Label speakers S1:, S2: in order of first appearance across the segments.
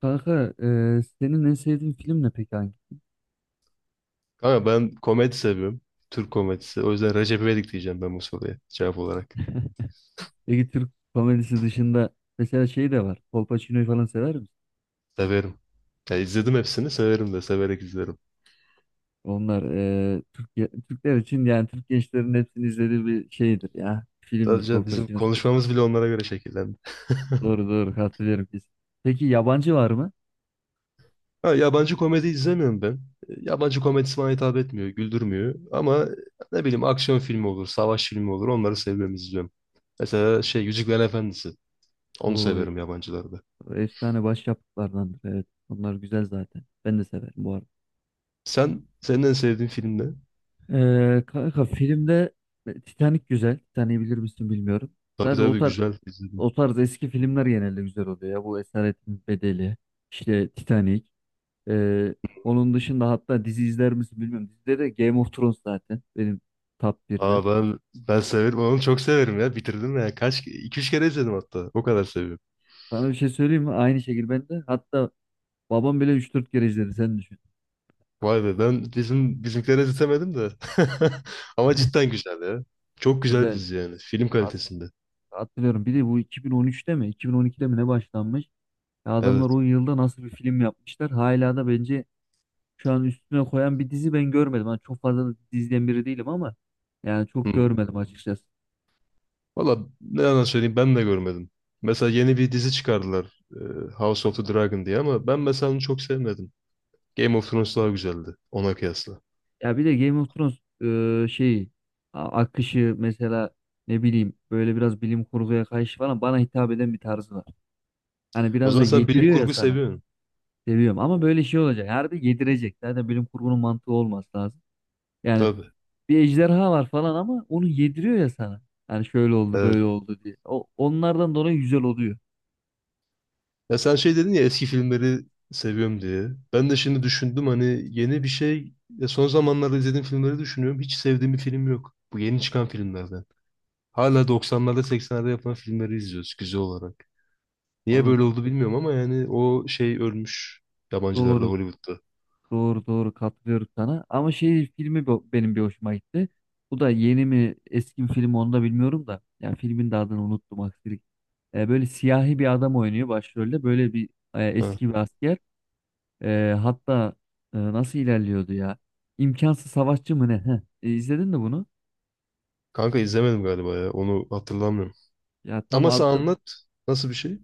S1: Kanka, senin en sevdiğin film ne peki hangi?
S2: Kanka ben komedi seviyorum. Türk komedisi. O yüzden Recep İvedik diyeceğim ben bu soruya cevap olarak.
S1: Peki Türk komedisi dışında mesela şey de var. Kolpaçino'yu falan sever misin?
S2: Severim. Ya izledim hepsini severim de severek izlerim.
S1: Onlar Türkiye, Türkler için yani Türk gençlerin hepsini izlediği bir şeydir ya. Filmdir
S2: Sadece bizim
S1: Kolpaçino serisi.
S2: konuşmamız bile onlara göre şekillendi.
S1: Doğru doğru hatırlıyorum biz. Peki yabancı var mı?
S2: Ha, yabancı komedi izlemiyorum ben. Yabancı komedisi bana hitap etmiyor, güldürmüyor. Ama ne bileyim aksiyon filmi olur, savaş filmi olur onları seviyorum, izliyorum. Mesela şey Yüzüklerin Efendisi. Onu
S1: Bu
S2: severim yabancılarda.
S1: efsane başyapıtlardandır, evet. Onlar güzel zaten. Ben de severim bu arada.
S2: Senin en sevdiğin film ne?
S1: Kanka, filmde Titanic güzel. Titanic'i bilir misin bilmiyorum.
S2: Tabii
S1: Zaten o
S2: tabii
S1: tarz,
S2: güzel.
S1: o tarz eski filmler genelde güzel oluyor ya. Bu Esaretin Bedeli, işte Titanic. Ee, onun dışında hatta dizi izler misin bilmiyorum. Dizide de Game of Thrones zaten benim top 1'de.
S2: Aa ben severim onu çok severim ya bitirdim ya kaç iki üç kere izledim hatta o kadar seviyorum.
S1: Sana bir şey söyleyeyim mi? Aynı şekilde ben de. Hatta babam bile üç dört kere izledi. Sen düşün.
S2: Vay be ben bizim bizimkilere izletemedim de. Ama cidden güzel ya. Çok güzel bir
S1: Güzel.
S2: dizi yani film
S1: Hat-
S2: kalitesinde.
S1: Hatırlıyorum. Bir de bu 2013'te mi, 2012'de mi ne başlanmış? Ya adamlar
S2: Evet.
S1: o yılda nasıl bir film yapmışlar? Hala da bence şu an üstüne koyan bir dizi ben görmedim. Hani çok fazla da diziden biri değilim ama yani
S2: Hı.
S1: çok görmedim açıkçası.
S2: Valla ne yalan söyleyeyim ben de görmedim. Mesela yeni bir dizi çıkardılar House of the Dragon diye ama ben mesela onu çok sevmedim. Game of Thrones daha güzeldi ona kıyasla.
S1: Ya bir de Game of Thrones e, şeyi akışı mesela, ne bileyim, böyle biraz bilim kurguya karşı falan bana hitap eden bir tarzı var. Hani
S2: O
S1: biraz da
S2: zaman sen bilim
S1: yediriyor ya
S2: kurgu
S1: sana.
S2: seviyorsun.
S1: Seviyorum ama böyle şey olacak. Harbi yedirecek. Zaten bilim kurgunun mantığı olması lazım. Yani
S2: Tabii.
S1: bir ejderha var falan ama onu yediriyor ya sana. Hani şöyle oldu
S2: Evet.
S1: böyle oldu diye. Onlardan dolayı güzel oluyor.
S2: Ya sen şey dedin ya eski filmleri seviyorum diye. Ben de şimdi düşündüm hani yeni bir şey. Ya son zamanlarda izlediğim filmleri düşünüyorum. Hiç sevdiğim bir film yok. Bu yeni çıkan filmlerden. Hala 90'larda 80'lerde yapılan filmleri izliyoruz güzel olarak. Niye
S1: Ondan
S2: böyle
S1: sonra-
S2: oldu bilmiyorum ama yani o şey ölmüş yabancılarda
S1: Doğru
S2: Hollywood'da.
S1: Doğru, doğru katılıyorum sana. Ama şey filmi benim bir hoşuma gitti. Bu da yeni mi eski mi film onu da bilmiyorum da. Yani filmin de adını unuttum, aksilik. Böyle siyahi bir adam oynuyor başrolde. Böyle bir
S2: Ha.
S1: eski bir asker. Hatta nasıl ilerliyordu ya? İmkansız savaşçı mı ne? Heh. E, izledin mi bunu?
S2: Kanka izlemedim galiba ya onu hatırlamıyorum.
S1: Ya tam
S2: Ama sen
S1: adı.
S2: anlat nasıl bir şey?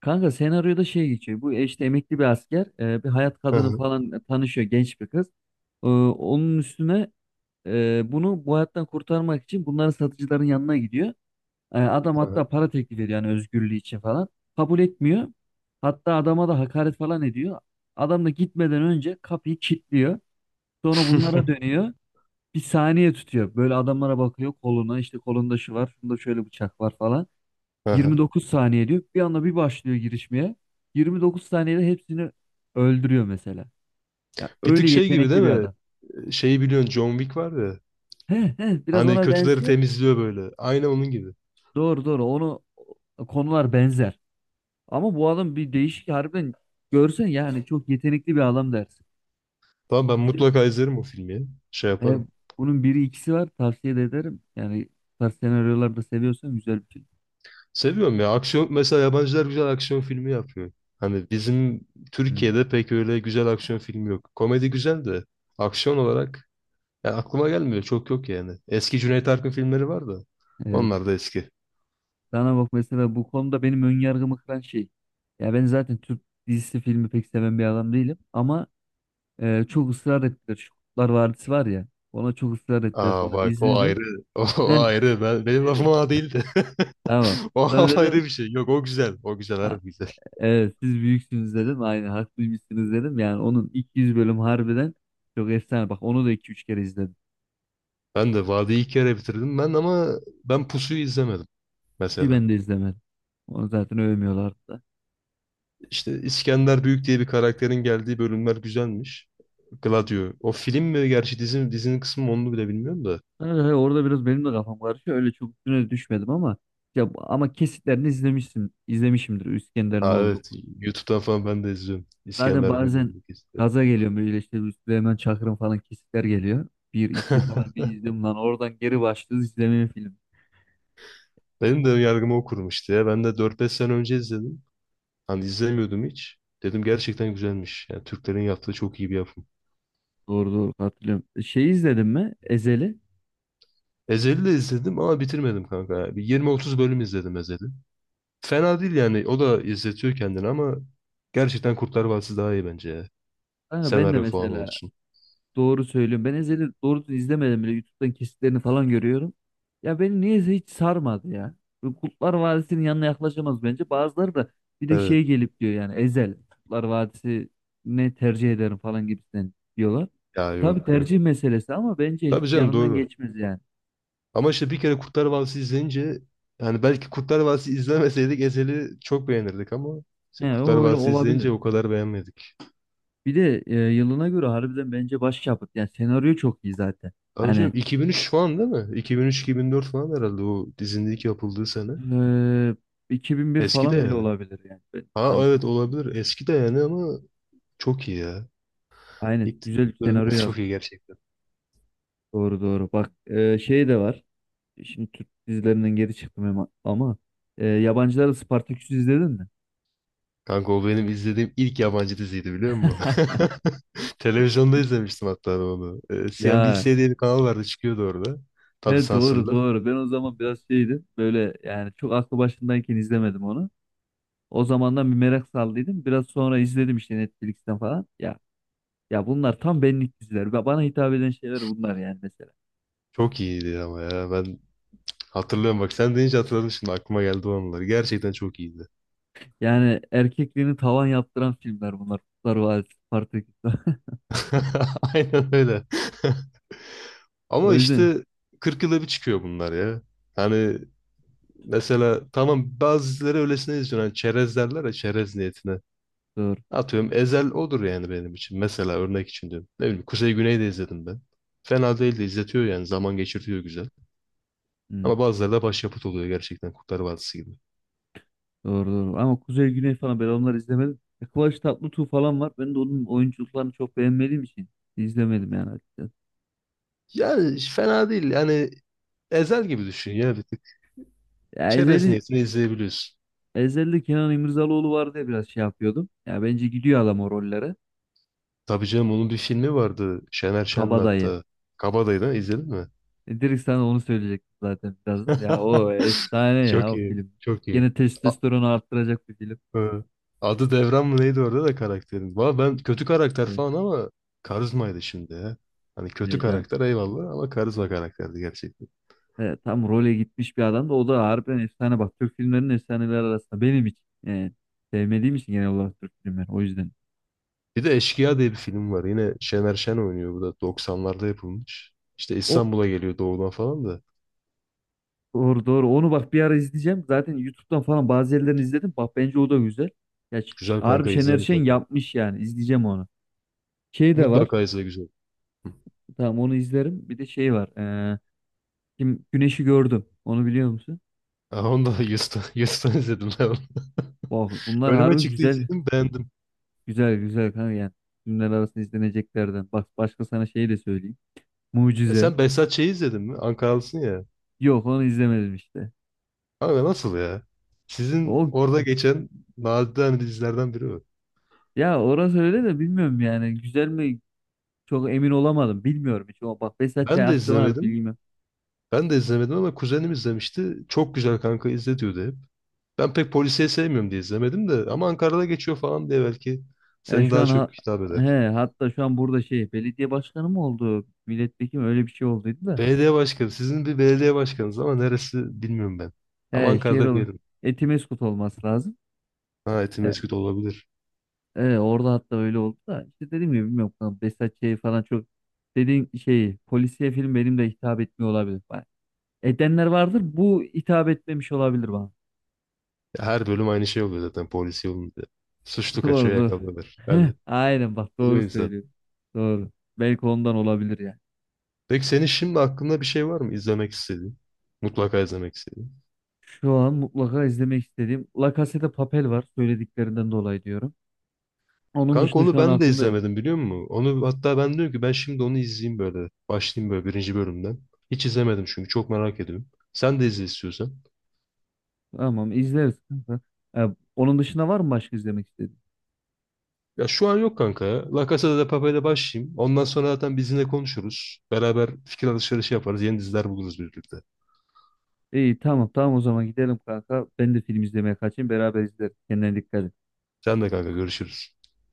S1: Kanka, senaryoda şey geçiyor. Bu işte emekli bir asker. Bir hayat
S2: Hı
S1: kadını
S2: hı.
S1: falan tanışıyor, genç bir kız. Onun üstüne, bunu bu hayattan kurtarmak için bunların, satıcıların yanına gidiyor. Adam
S2: Hı hı.
S1: hatta para teklif ediyor yani özgürlüğü için falan. Kabul etmiyor. Hatta adama da hakaret falan ediyor. Adam da gitmeden önce kapıyı kilitliyor. Sonra bunlara dönüyor. Bir saniye tutuyor. Böyle adamlara bakıyor, koluna. İşte kolunda şu var, şunda şöyle bıçak var falan.
S2: Hı hı.
S1: 29 saniye diyor. Bir anda bir başlıyor girişmeye. 29 saniyede hepsini öldürüyor mesela. Ya
S2: Bir
S1: öyle
S2: tık şey gibi değil
S1: yetenekli bir
S2: mi?
S1: adam.
S2: Şeyi biliyorsun John Wick var ya.
S1: He, he, biraz
S2: Hani
S1: ona
S2: kötüleri
S1: benziyor.
S2: temizliyor böyle. Aynı onun gibi.
S1: Doğru doğru onu, konular benzer. Ama bu adam bir değişik, harbiden görsen yani çok yetenekli bir adam dersin.
S2: Tamam ben mutlaka izlerim o filmi ya. Şey
S1: E,
S2: yaparım.
S1: bunun biri ikisi var, tavsiye de ederim. Yani bu tarz senaryolar da seviyorsan güzel bir film.
S2: Seviyorum ya. Aksiyon mesela yabancılar güzel aksiyon filmi yapıyor. Hani bizim
S1: Hı.
S2: Türkiye'de pek öyle güzel aksiyon filmi yok. Komedi güzel de aksiyon olarak ya aklıma gelmiyor. Çok yok yani. Eski Cüneyt Arkın filmleri var da.
S1: Evet.
S2: Onlar da eski.
S1: Sana bak mesela bu konuda benim önyargımı kıran şey. Ya ben zaten Türk dizisi filmi pek seven bir adam değilim. Ama çok ısrar ettiler. Şu Kurtlar Vadisi var ya. Ona çok ısrar ettiler
S2: Aa
S1: falan.
S2: bak o
S1: İzledim.
S2: ayrı. O,
S1: Heh,
S2: ayrı. Benim lafım
S1: dedim.
S2: ona değildi.
S1: Tamam.
S2: O
S1: Sonra dedim.
S2: ayrı bir şey. Yok o güzel. O güzel harbi güzel.
S1: Evet, siz büyüksünüz dedim. Aynen haklıymışsınız dedim. Yani onun 200 bölüm harbiden çok efsane. Bak onu da iki üç kere izledim.
S2: Ben de Vadi'yi iki kere bitirdim ben ama ben Pusu'yu izlemedim
S1: Ki
S2: mesela.
S1: ben de izlemedim. Onu zaten övmüyorlardı da.
S2: İşte İskender Büyük diye bir karakterin geldiği bölümler güzelmiş. Gladio. O film mi gerçi dizi mi? Dizinin kısmı mı onu bile bilmiyorum da.
S1: Evet, evet, orada biraz benim de kafam karışıyor. Öyle çok üstüne düşmedim ama ya, kesitlerini izlemişsin, izlemişimdir İskender'in
S2: Ha
S1: olduğu.
S2: evet YouTube'dan falan ben de izliyorum.
S1: Zaten
S2: İskender
S1: bazen
S2: Büyük'ü izliyorum.
S1: gaza geliyorum böyle, işte bir Süleyman Çakır'ın falan kesitler geliyor. Bir iki falan bir izledim lan, oradan geri başlıyoruz izlemeye film.
S2: Benim de yargımı o kurmuştu ya. Ben de dört beş sene önce izledim. Hani izlemiyordum hiç. Dedim gerçekten güzelmiş. Yani Türklerin yaptığı çok iyi bir yapım.
S1: Doğru doğru hatırlıyorum. Şey izledim mi? Ezeli.
S2: Ezel'i de izledim ama bitirmedim kanka. Bir 20-30 bölüm izledim Ezel'i. Fena değil yani. O da izletiyor kendini ama gerçekten Kurtlar Vadisi daha iyi bence ya.
S1: Kanka, ben de
S2: Senaryo falan
S1: mesela,
S2: olsun.
S1: doğru söylüyorum. Ben Ezel'i doğru izlemedim bile. YouTube'dan kesitlerini falan görüyorum. Ya beni niyeyse hiç sarmadı ya. Bu Kurtlar Vadisi'nin yanına yaklaşamaz bence. Bazıları da bir de
S2: Evet.
S1: şey gelip diyor yani Ezel Kurtlar Vadisi ne tercih ederim falan gibisinden diyorlar.
S2: Ya
S1: Tabii
S2: yok yok.
S1: tercih meselesi ama bence
S2: Tabii
S1: hiç
S2: canım
S1: yanından
S2: doğru.
S1: geçmez yani.
S2: Ama işte bir kere Kurtlar Vadisi izleyince yani belki Kurtlar Vadisi izlemeseydik Ezel'i çok beğenirdik ama
S1: He,
S2: işte Kurtlar
S1: o öyle
S2: Vadisi
S1: olabilir.
S2: izleyince o kadar beğenmedik.
S1: Bir de yılına göre harbiden bence başyapıt. Yani senaryo çok iyi zaten.
S2: Abi canım
S1: Hani
S2: 2003 falan değil mi? 2003-2004 falan herhalde o dizinin ilk yapıldığı sene.
S1: e, 2001
S2: Eski de
S1: falan bile
S2: yani.
S1: olabilir yani. Ben
S2: Ha
S1: yanlış
S2: evet
S1: hatırlamıyorum.
S2: olabilir. Eski de yani ama çok iyi ya.
S1: Aynen.
S2: İlk
S1: Güzel bir
S2: ilk
S1: senaryo
S2: bölümler çok
S1: yazmış.
S2: iyi gerçekten.
S1: Doğru doğru. Bak şey de var. Şimdi Türk dizilerinden geri çıktım ama, yabancılar da Spartaküs'ü izledin mi?
S2: Kanka o benim izlediğim ilk yabancı diziydi biliyor musun? Televizyonda izlemiştim hatta ben onu.
S1: Ya,
S2: CNBC diye bir kanal vardı çıkıyordu orada. Tabii
S1: he, doğru
S2: sansürlü.
S1: doğru. Ben o zaman biraz şeydim. Böyle yani çok aklı başındayken izlemedim onu. O zamandan bir merak saldıydım. Biraz sonra izledim işte Netflix'ten falan. Ya, bunlar tam benlik diziler. Bana hitap eden şeyler bunlar yani mesela.
S2: Çok iyiydi ama ya ben hatırlıyorum bak sen deyince hatırladım şimdi aklıma geldi o anılar. Gerçekten çok iyiydi.
S1: Yani erkekliğini tavan yaptıran filmler bunlar. Kurtlar Vadisi, Spartaküs.
S2: Aynen öyle.
S1: O
S2: Ama
S1: yüzden.
S2: işte 40 yılda bir çıkıyor bunlar ya. Hani mesela tamam bazı dizileri öylesine izliyorsun. Hani çerez derler ya çerez niyetine.
S1: Doğru.
S2: Atıyorum Ezel odur yani benim için. Mesela örnek için diyorum. Ne bileyim Kuzey Güney'i de izledim ben. Fena değil de izletiyor yani. Zaman geçirtiyor güzel. Ama bazıları da başyapıt oluyor gerçekten Kurtlar Vadisi gibi.
S1: Doğru doğru. Ama Kuzey Güney falan ben onları izlemedim. Kıvanç Tatlıtuğ falan var. Ben de onun oyunculuklarını çok beğenmediğim için izlemedim yani açıkçası.
S2: Yani fena değil. Yani Ezel gibi düşün ya bir tık.
S1: Ya
S2: Çerez
S1: Ezeli,
S2: niyetini izleyebiliyorsun.
S1: Ezeli Kenan İmirzalıoğlu var diye biraz şey yapıyordum. Ya bence gidiyor adam o rollere.
S2: Tabii canım onun bir filmi vardı. Şener Şen'in
S1: Kabadayı.
S2: hatta. Kabadayı'dan izledin mi?
S1: Direkt sana onu söyleyecektim zaten birazdan. Ya o efsane ya
S2: Çok
S1: o
S2: iyi.
S1: film.
S2: Çok iyi.
S1: Yine testosteronu arttıracak bir film.
S2: Hı. Adı Devran mı neydi orada da karakterin? Valla ben kötü karakter
S1: E,
S2: falan ama karizmaydı şimdi ya. Hani kötü
S1: heyecan.
S2: karakter eyvallah ama karizma karakterdi gerçekten.
S1: Tam role gitmiş bir adam da o da harbiden efsane bak. Türk filmlerinin efsaneleri arasında benim için. Sevmediğim için genel olarak Türk filmleri. O yüzden.
S2: Bir de Eşkıya diye bir film var. Yine Şener Şen oynuyor. Bu da 90'larda yapılmış. İşte
S1: O
S2: İstanbul'a geliyor doğudan falan da.
S1: Doğru doğru. Onu bak bir ara izleyeceğim. Zaten YouTube'dan falan bazı yerlerini izledim. Bak bence o da güzel. Ya,
S2: Güzel
S1: harbi
S2: kanka izle
S1: Şener Şen
S2: mutlaka.
S1: yapmış yani. İzleyeceğim onu. Şey de var.
S2: Mutlaka izle güzel.
S1: Tamam onu izlerim. Bir de şey var. Kim Güneş'i gördüm. Onu biliyor musun?
S2: Aa, onu da Yus'tan, Yus'tan izledim ben onu.
S1: Bak bunlar
S2: Önüme
S1: harbi
S2: çıktı
S1: güzel.
S2: izledim beğendim.
S1: Güzel güzel kanka yani. Filmler arasında izleneceklerden. Bak başka sana şey de söyleyeyim.
S2: E
S1: Mucize.
S2: sen Behzat Ç'yi izledin mi? Ankaralısın ya.
S1: Yok onu izlemedim işte.
S2: Abi nasıl ya? Sizin
S1: O
S2: orada geçen nadide hani dizilerden biri o.
S1: ya, orası öyle de bilmiyorum yani. Güzel mi? Çok emin olamadım. Bilmiyorum hiç. O bak Behzat Ç.
S2: Ben de
S1: hakkında harbi
S2: izlemedim.
S1: bilgim yok.
S2: Ben de izlemedim ama kuzenim izlemişti. Çok güzel kanka izle diyordu hep. Ben pek polisiye sevmiyorum diye izlemedim de ama Ankara'da geçiyor falan diye belki
S1: Ya
S2: seni
S1: şu
S2: daha
S1: an ha-
S2: çok hitap eder.
S1: he, hatta şu an burada şey belediye başkanı mı oldu? Milletvekili mi? Öyle bir şey olduydu da.
S2: Belediye başkanı. Sizin bir belediye başkanınız ama neresi bilmiyorum ben. Ama
S1: He,
S2: Ankara'da bir yerim.
S1: Etimesgut olması lazım.
S2: Ha
S1: He,
S2: Etimesgut olabilir.
S1: he, orada hatta öyle oldu da. İşte dedim ya bilmiyorum. Lan, Behzat şey falan çok dediğin şey polisiye film benim de hitap etmiyor olabilir. Bak, edenler vardır bu hitap etmemiş olabilir bana.
S2: Her bölüm aynı şey oluyor zaten polisiye olunca. Suçlu
S1: Doğru
S2: kaçıyor
S1: doğru.
S2: yakalıyorlar.
S1: Heh,
S2: Yani
S1: aynen bak
S2: oluyor
S1: doğru
S2: insan.
S1: söylüyorsun. Doğru. Belki ondan olabilir yani.
S2: Peki senin şimdi aklında bir şey var mı izlemek istediğin? Mutlaka izlemek istediğin.
S1: Şu an mutlaka izlemek istediğim La Casa de Papel var söylediklerinden dolayı diyorum. Onun
S2: Kanka
S1: dışında
S2: onu
S1: şu an
S2: ben de
S1: aklımda yok.
S2: izlemedim biliyor musun? Onu hatta ben diyorum ki ben şimdi onu izleyeyim böyle. Başlayayım böyle birinci bölümden. Hiç izlemedim çünkü çok merak ediyorum. Sen de izle istiyorsan.
S1: Tamam, izleriz kanka. E, onun dışında var mı başka izlemek istediğin?
S2: Ya şu an yok kanka ya. La Casa de Papel'e başlayayım. Ondan sonra zaten bizimle konuşuruz. Beraber fikir alışverişi yaparız. Yeni diziler buluruz birlikte.
S1: İyi tamam tamam o zaman gidelim kanka. Ben de film izlemeye kaçayım, beraber izleriz. Kendine dikkat et.
S2: Sen de kanka görüşürüz.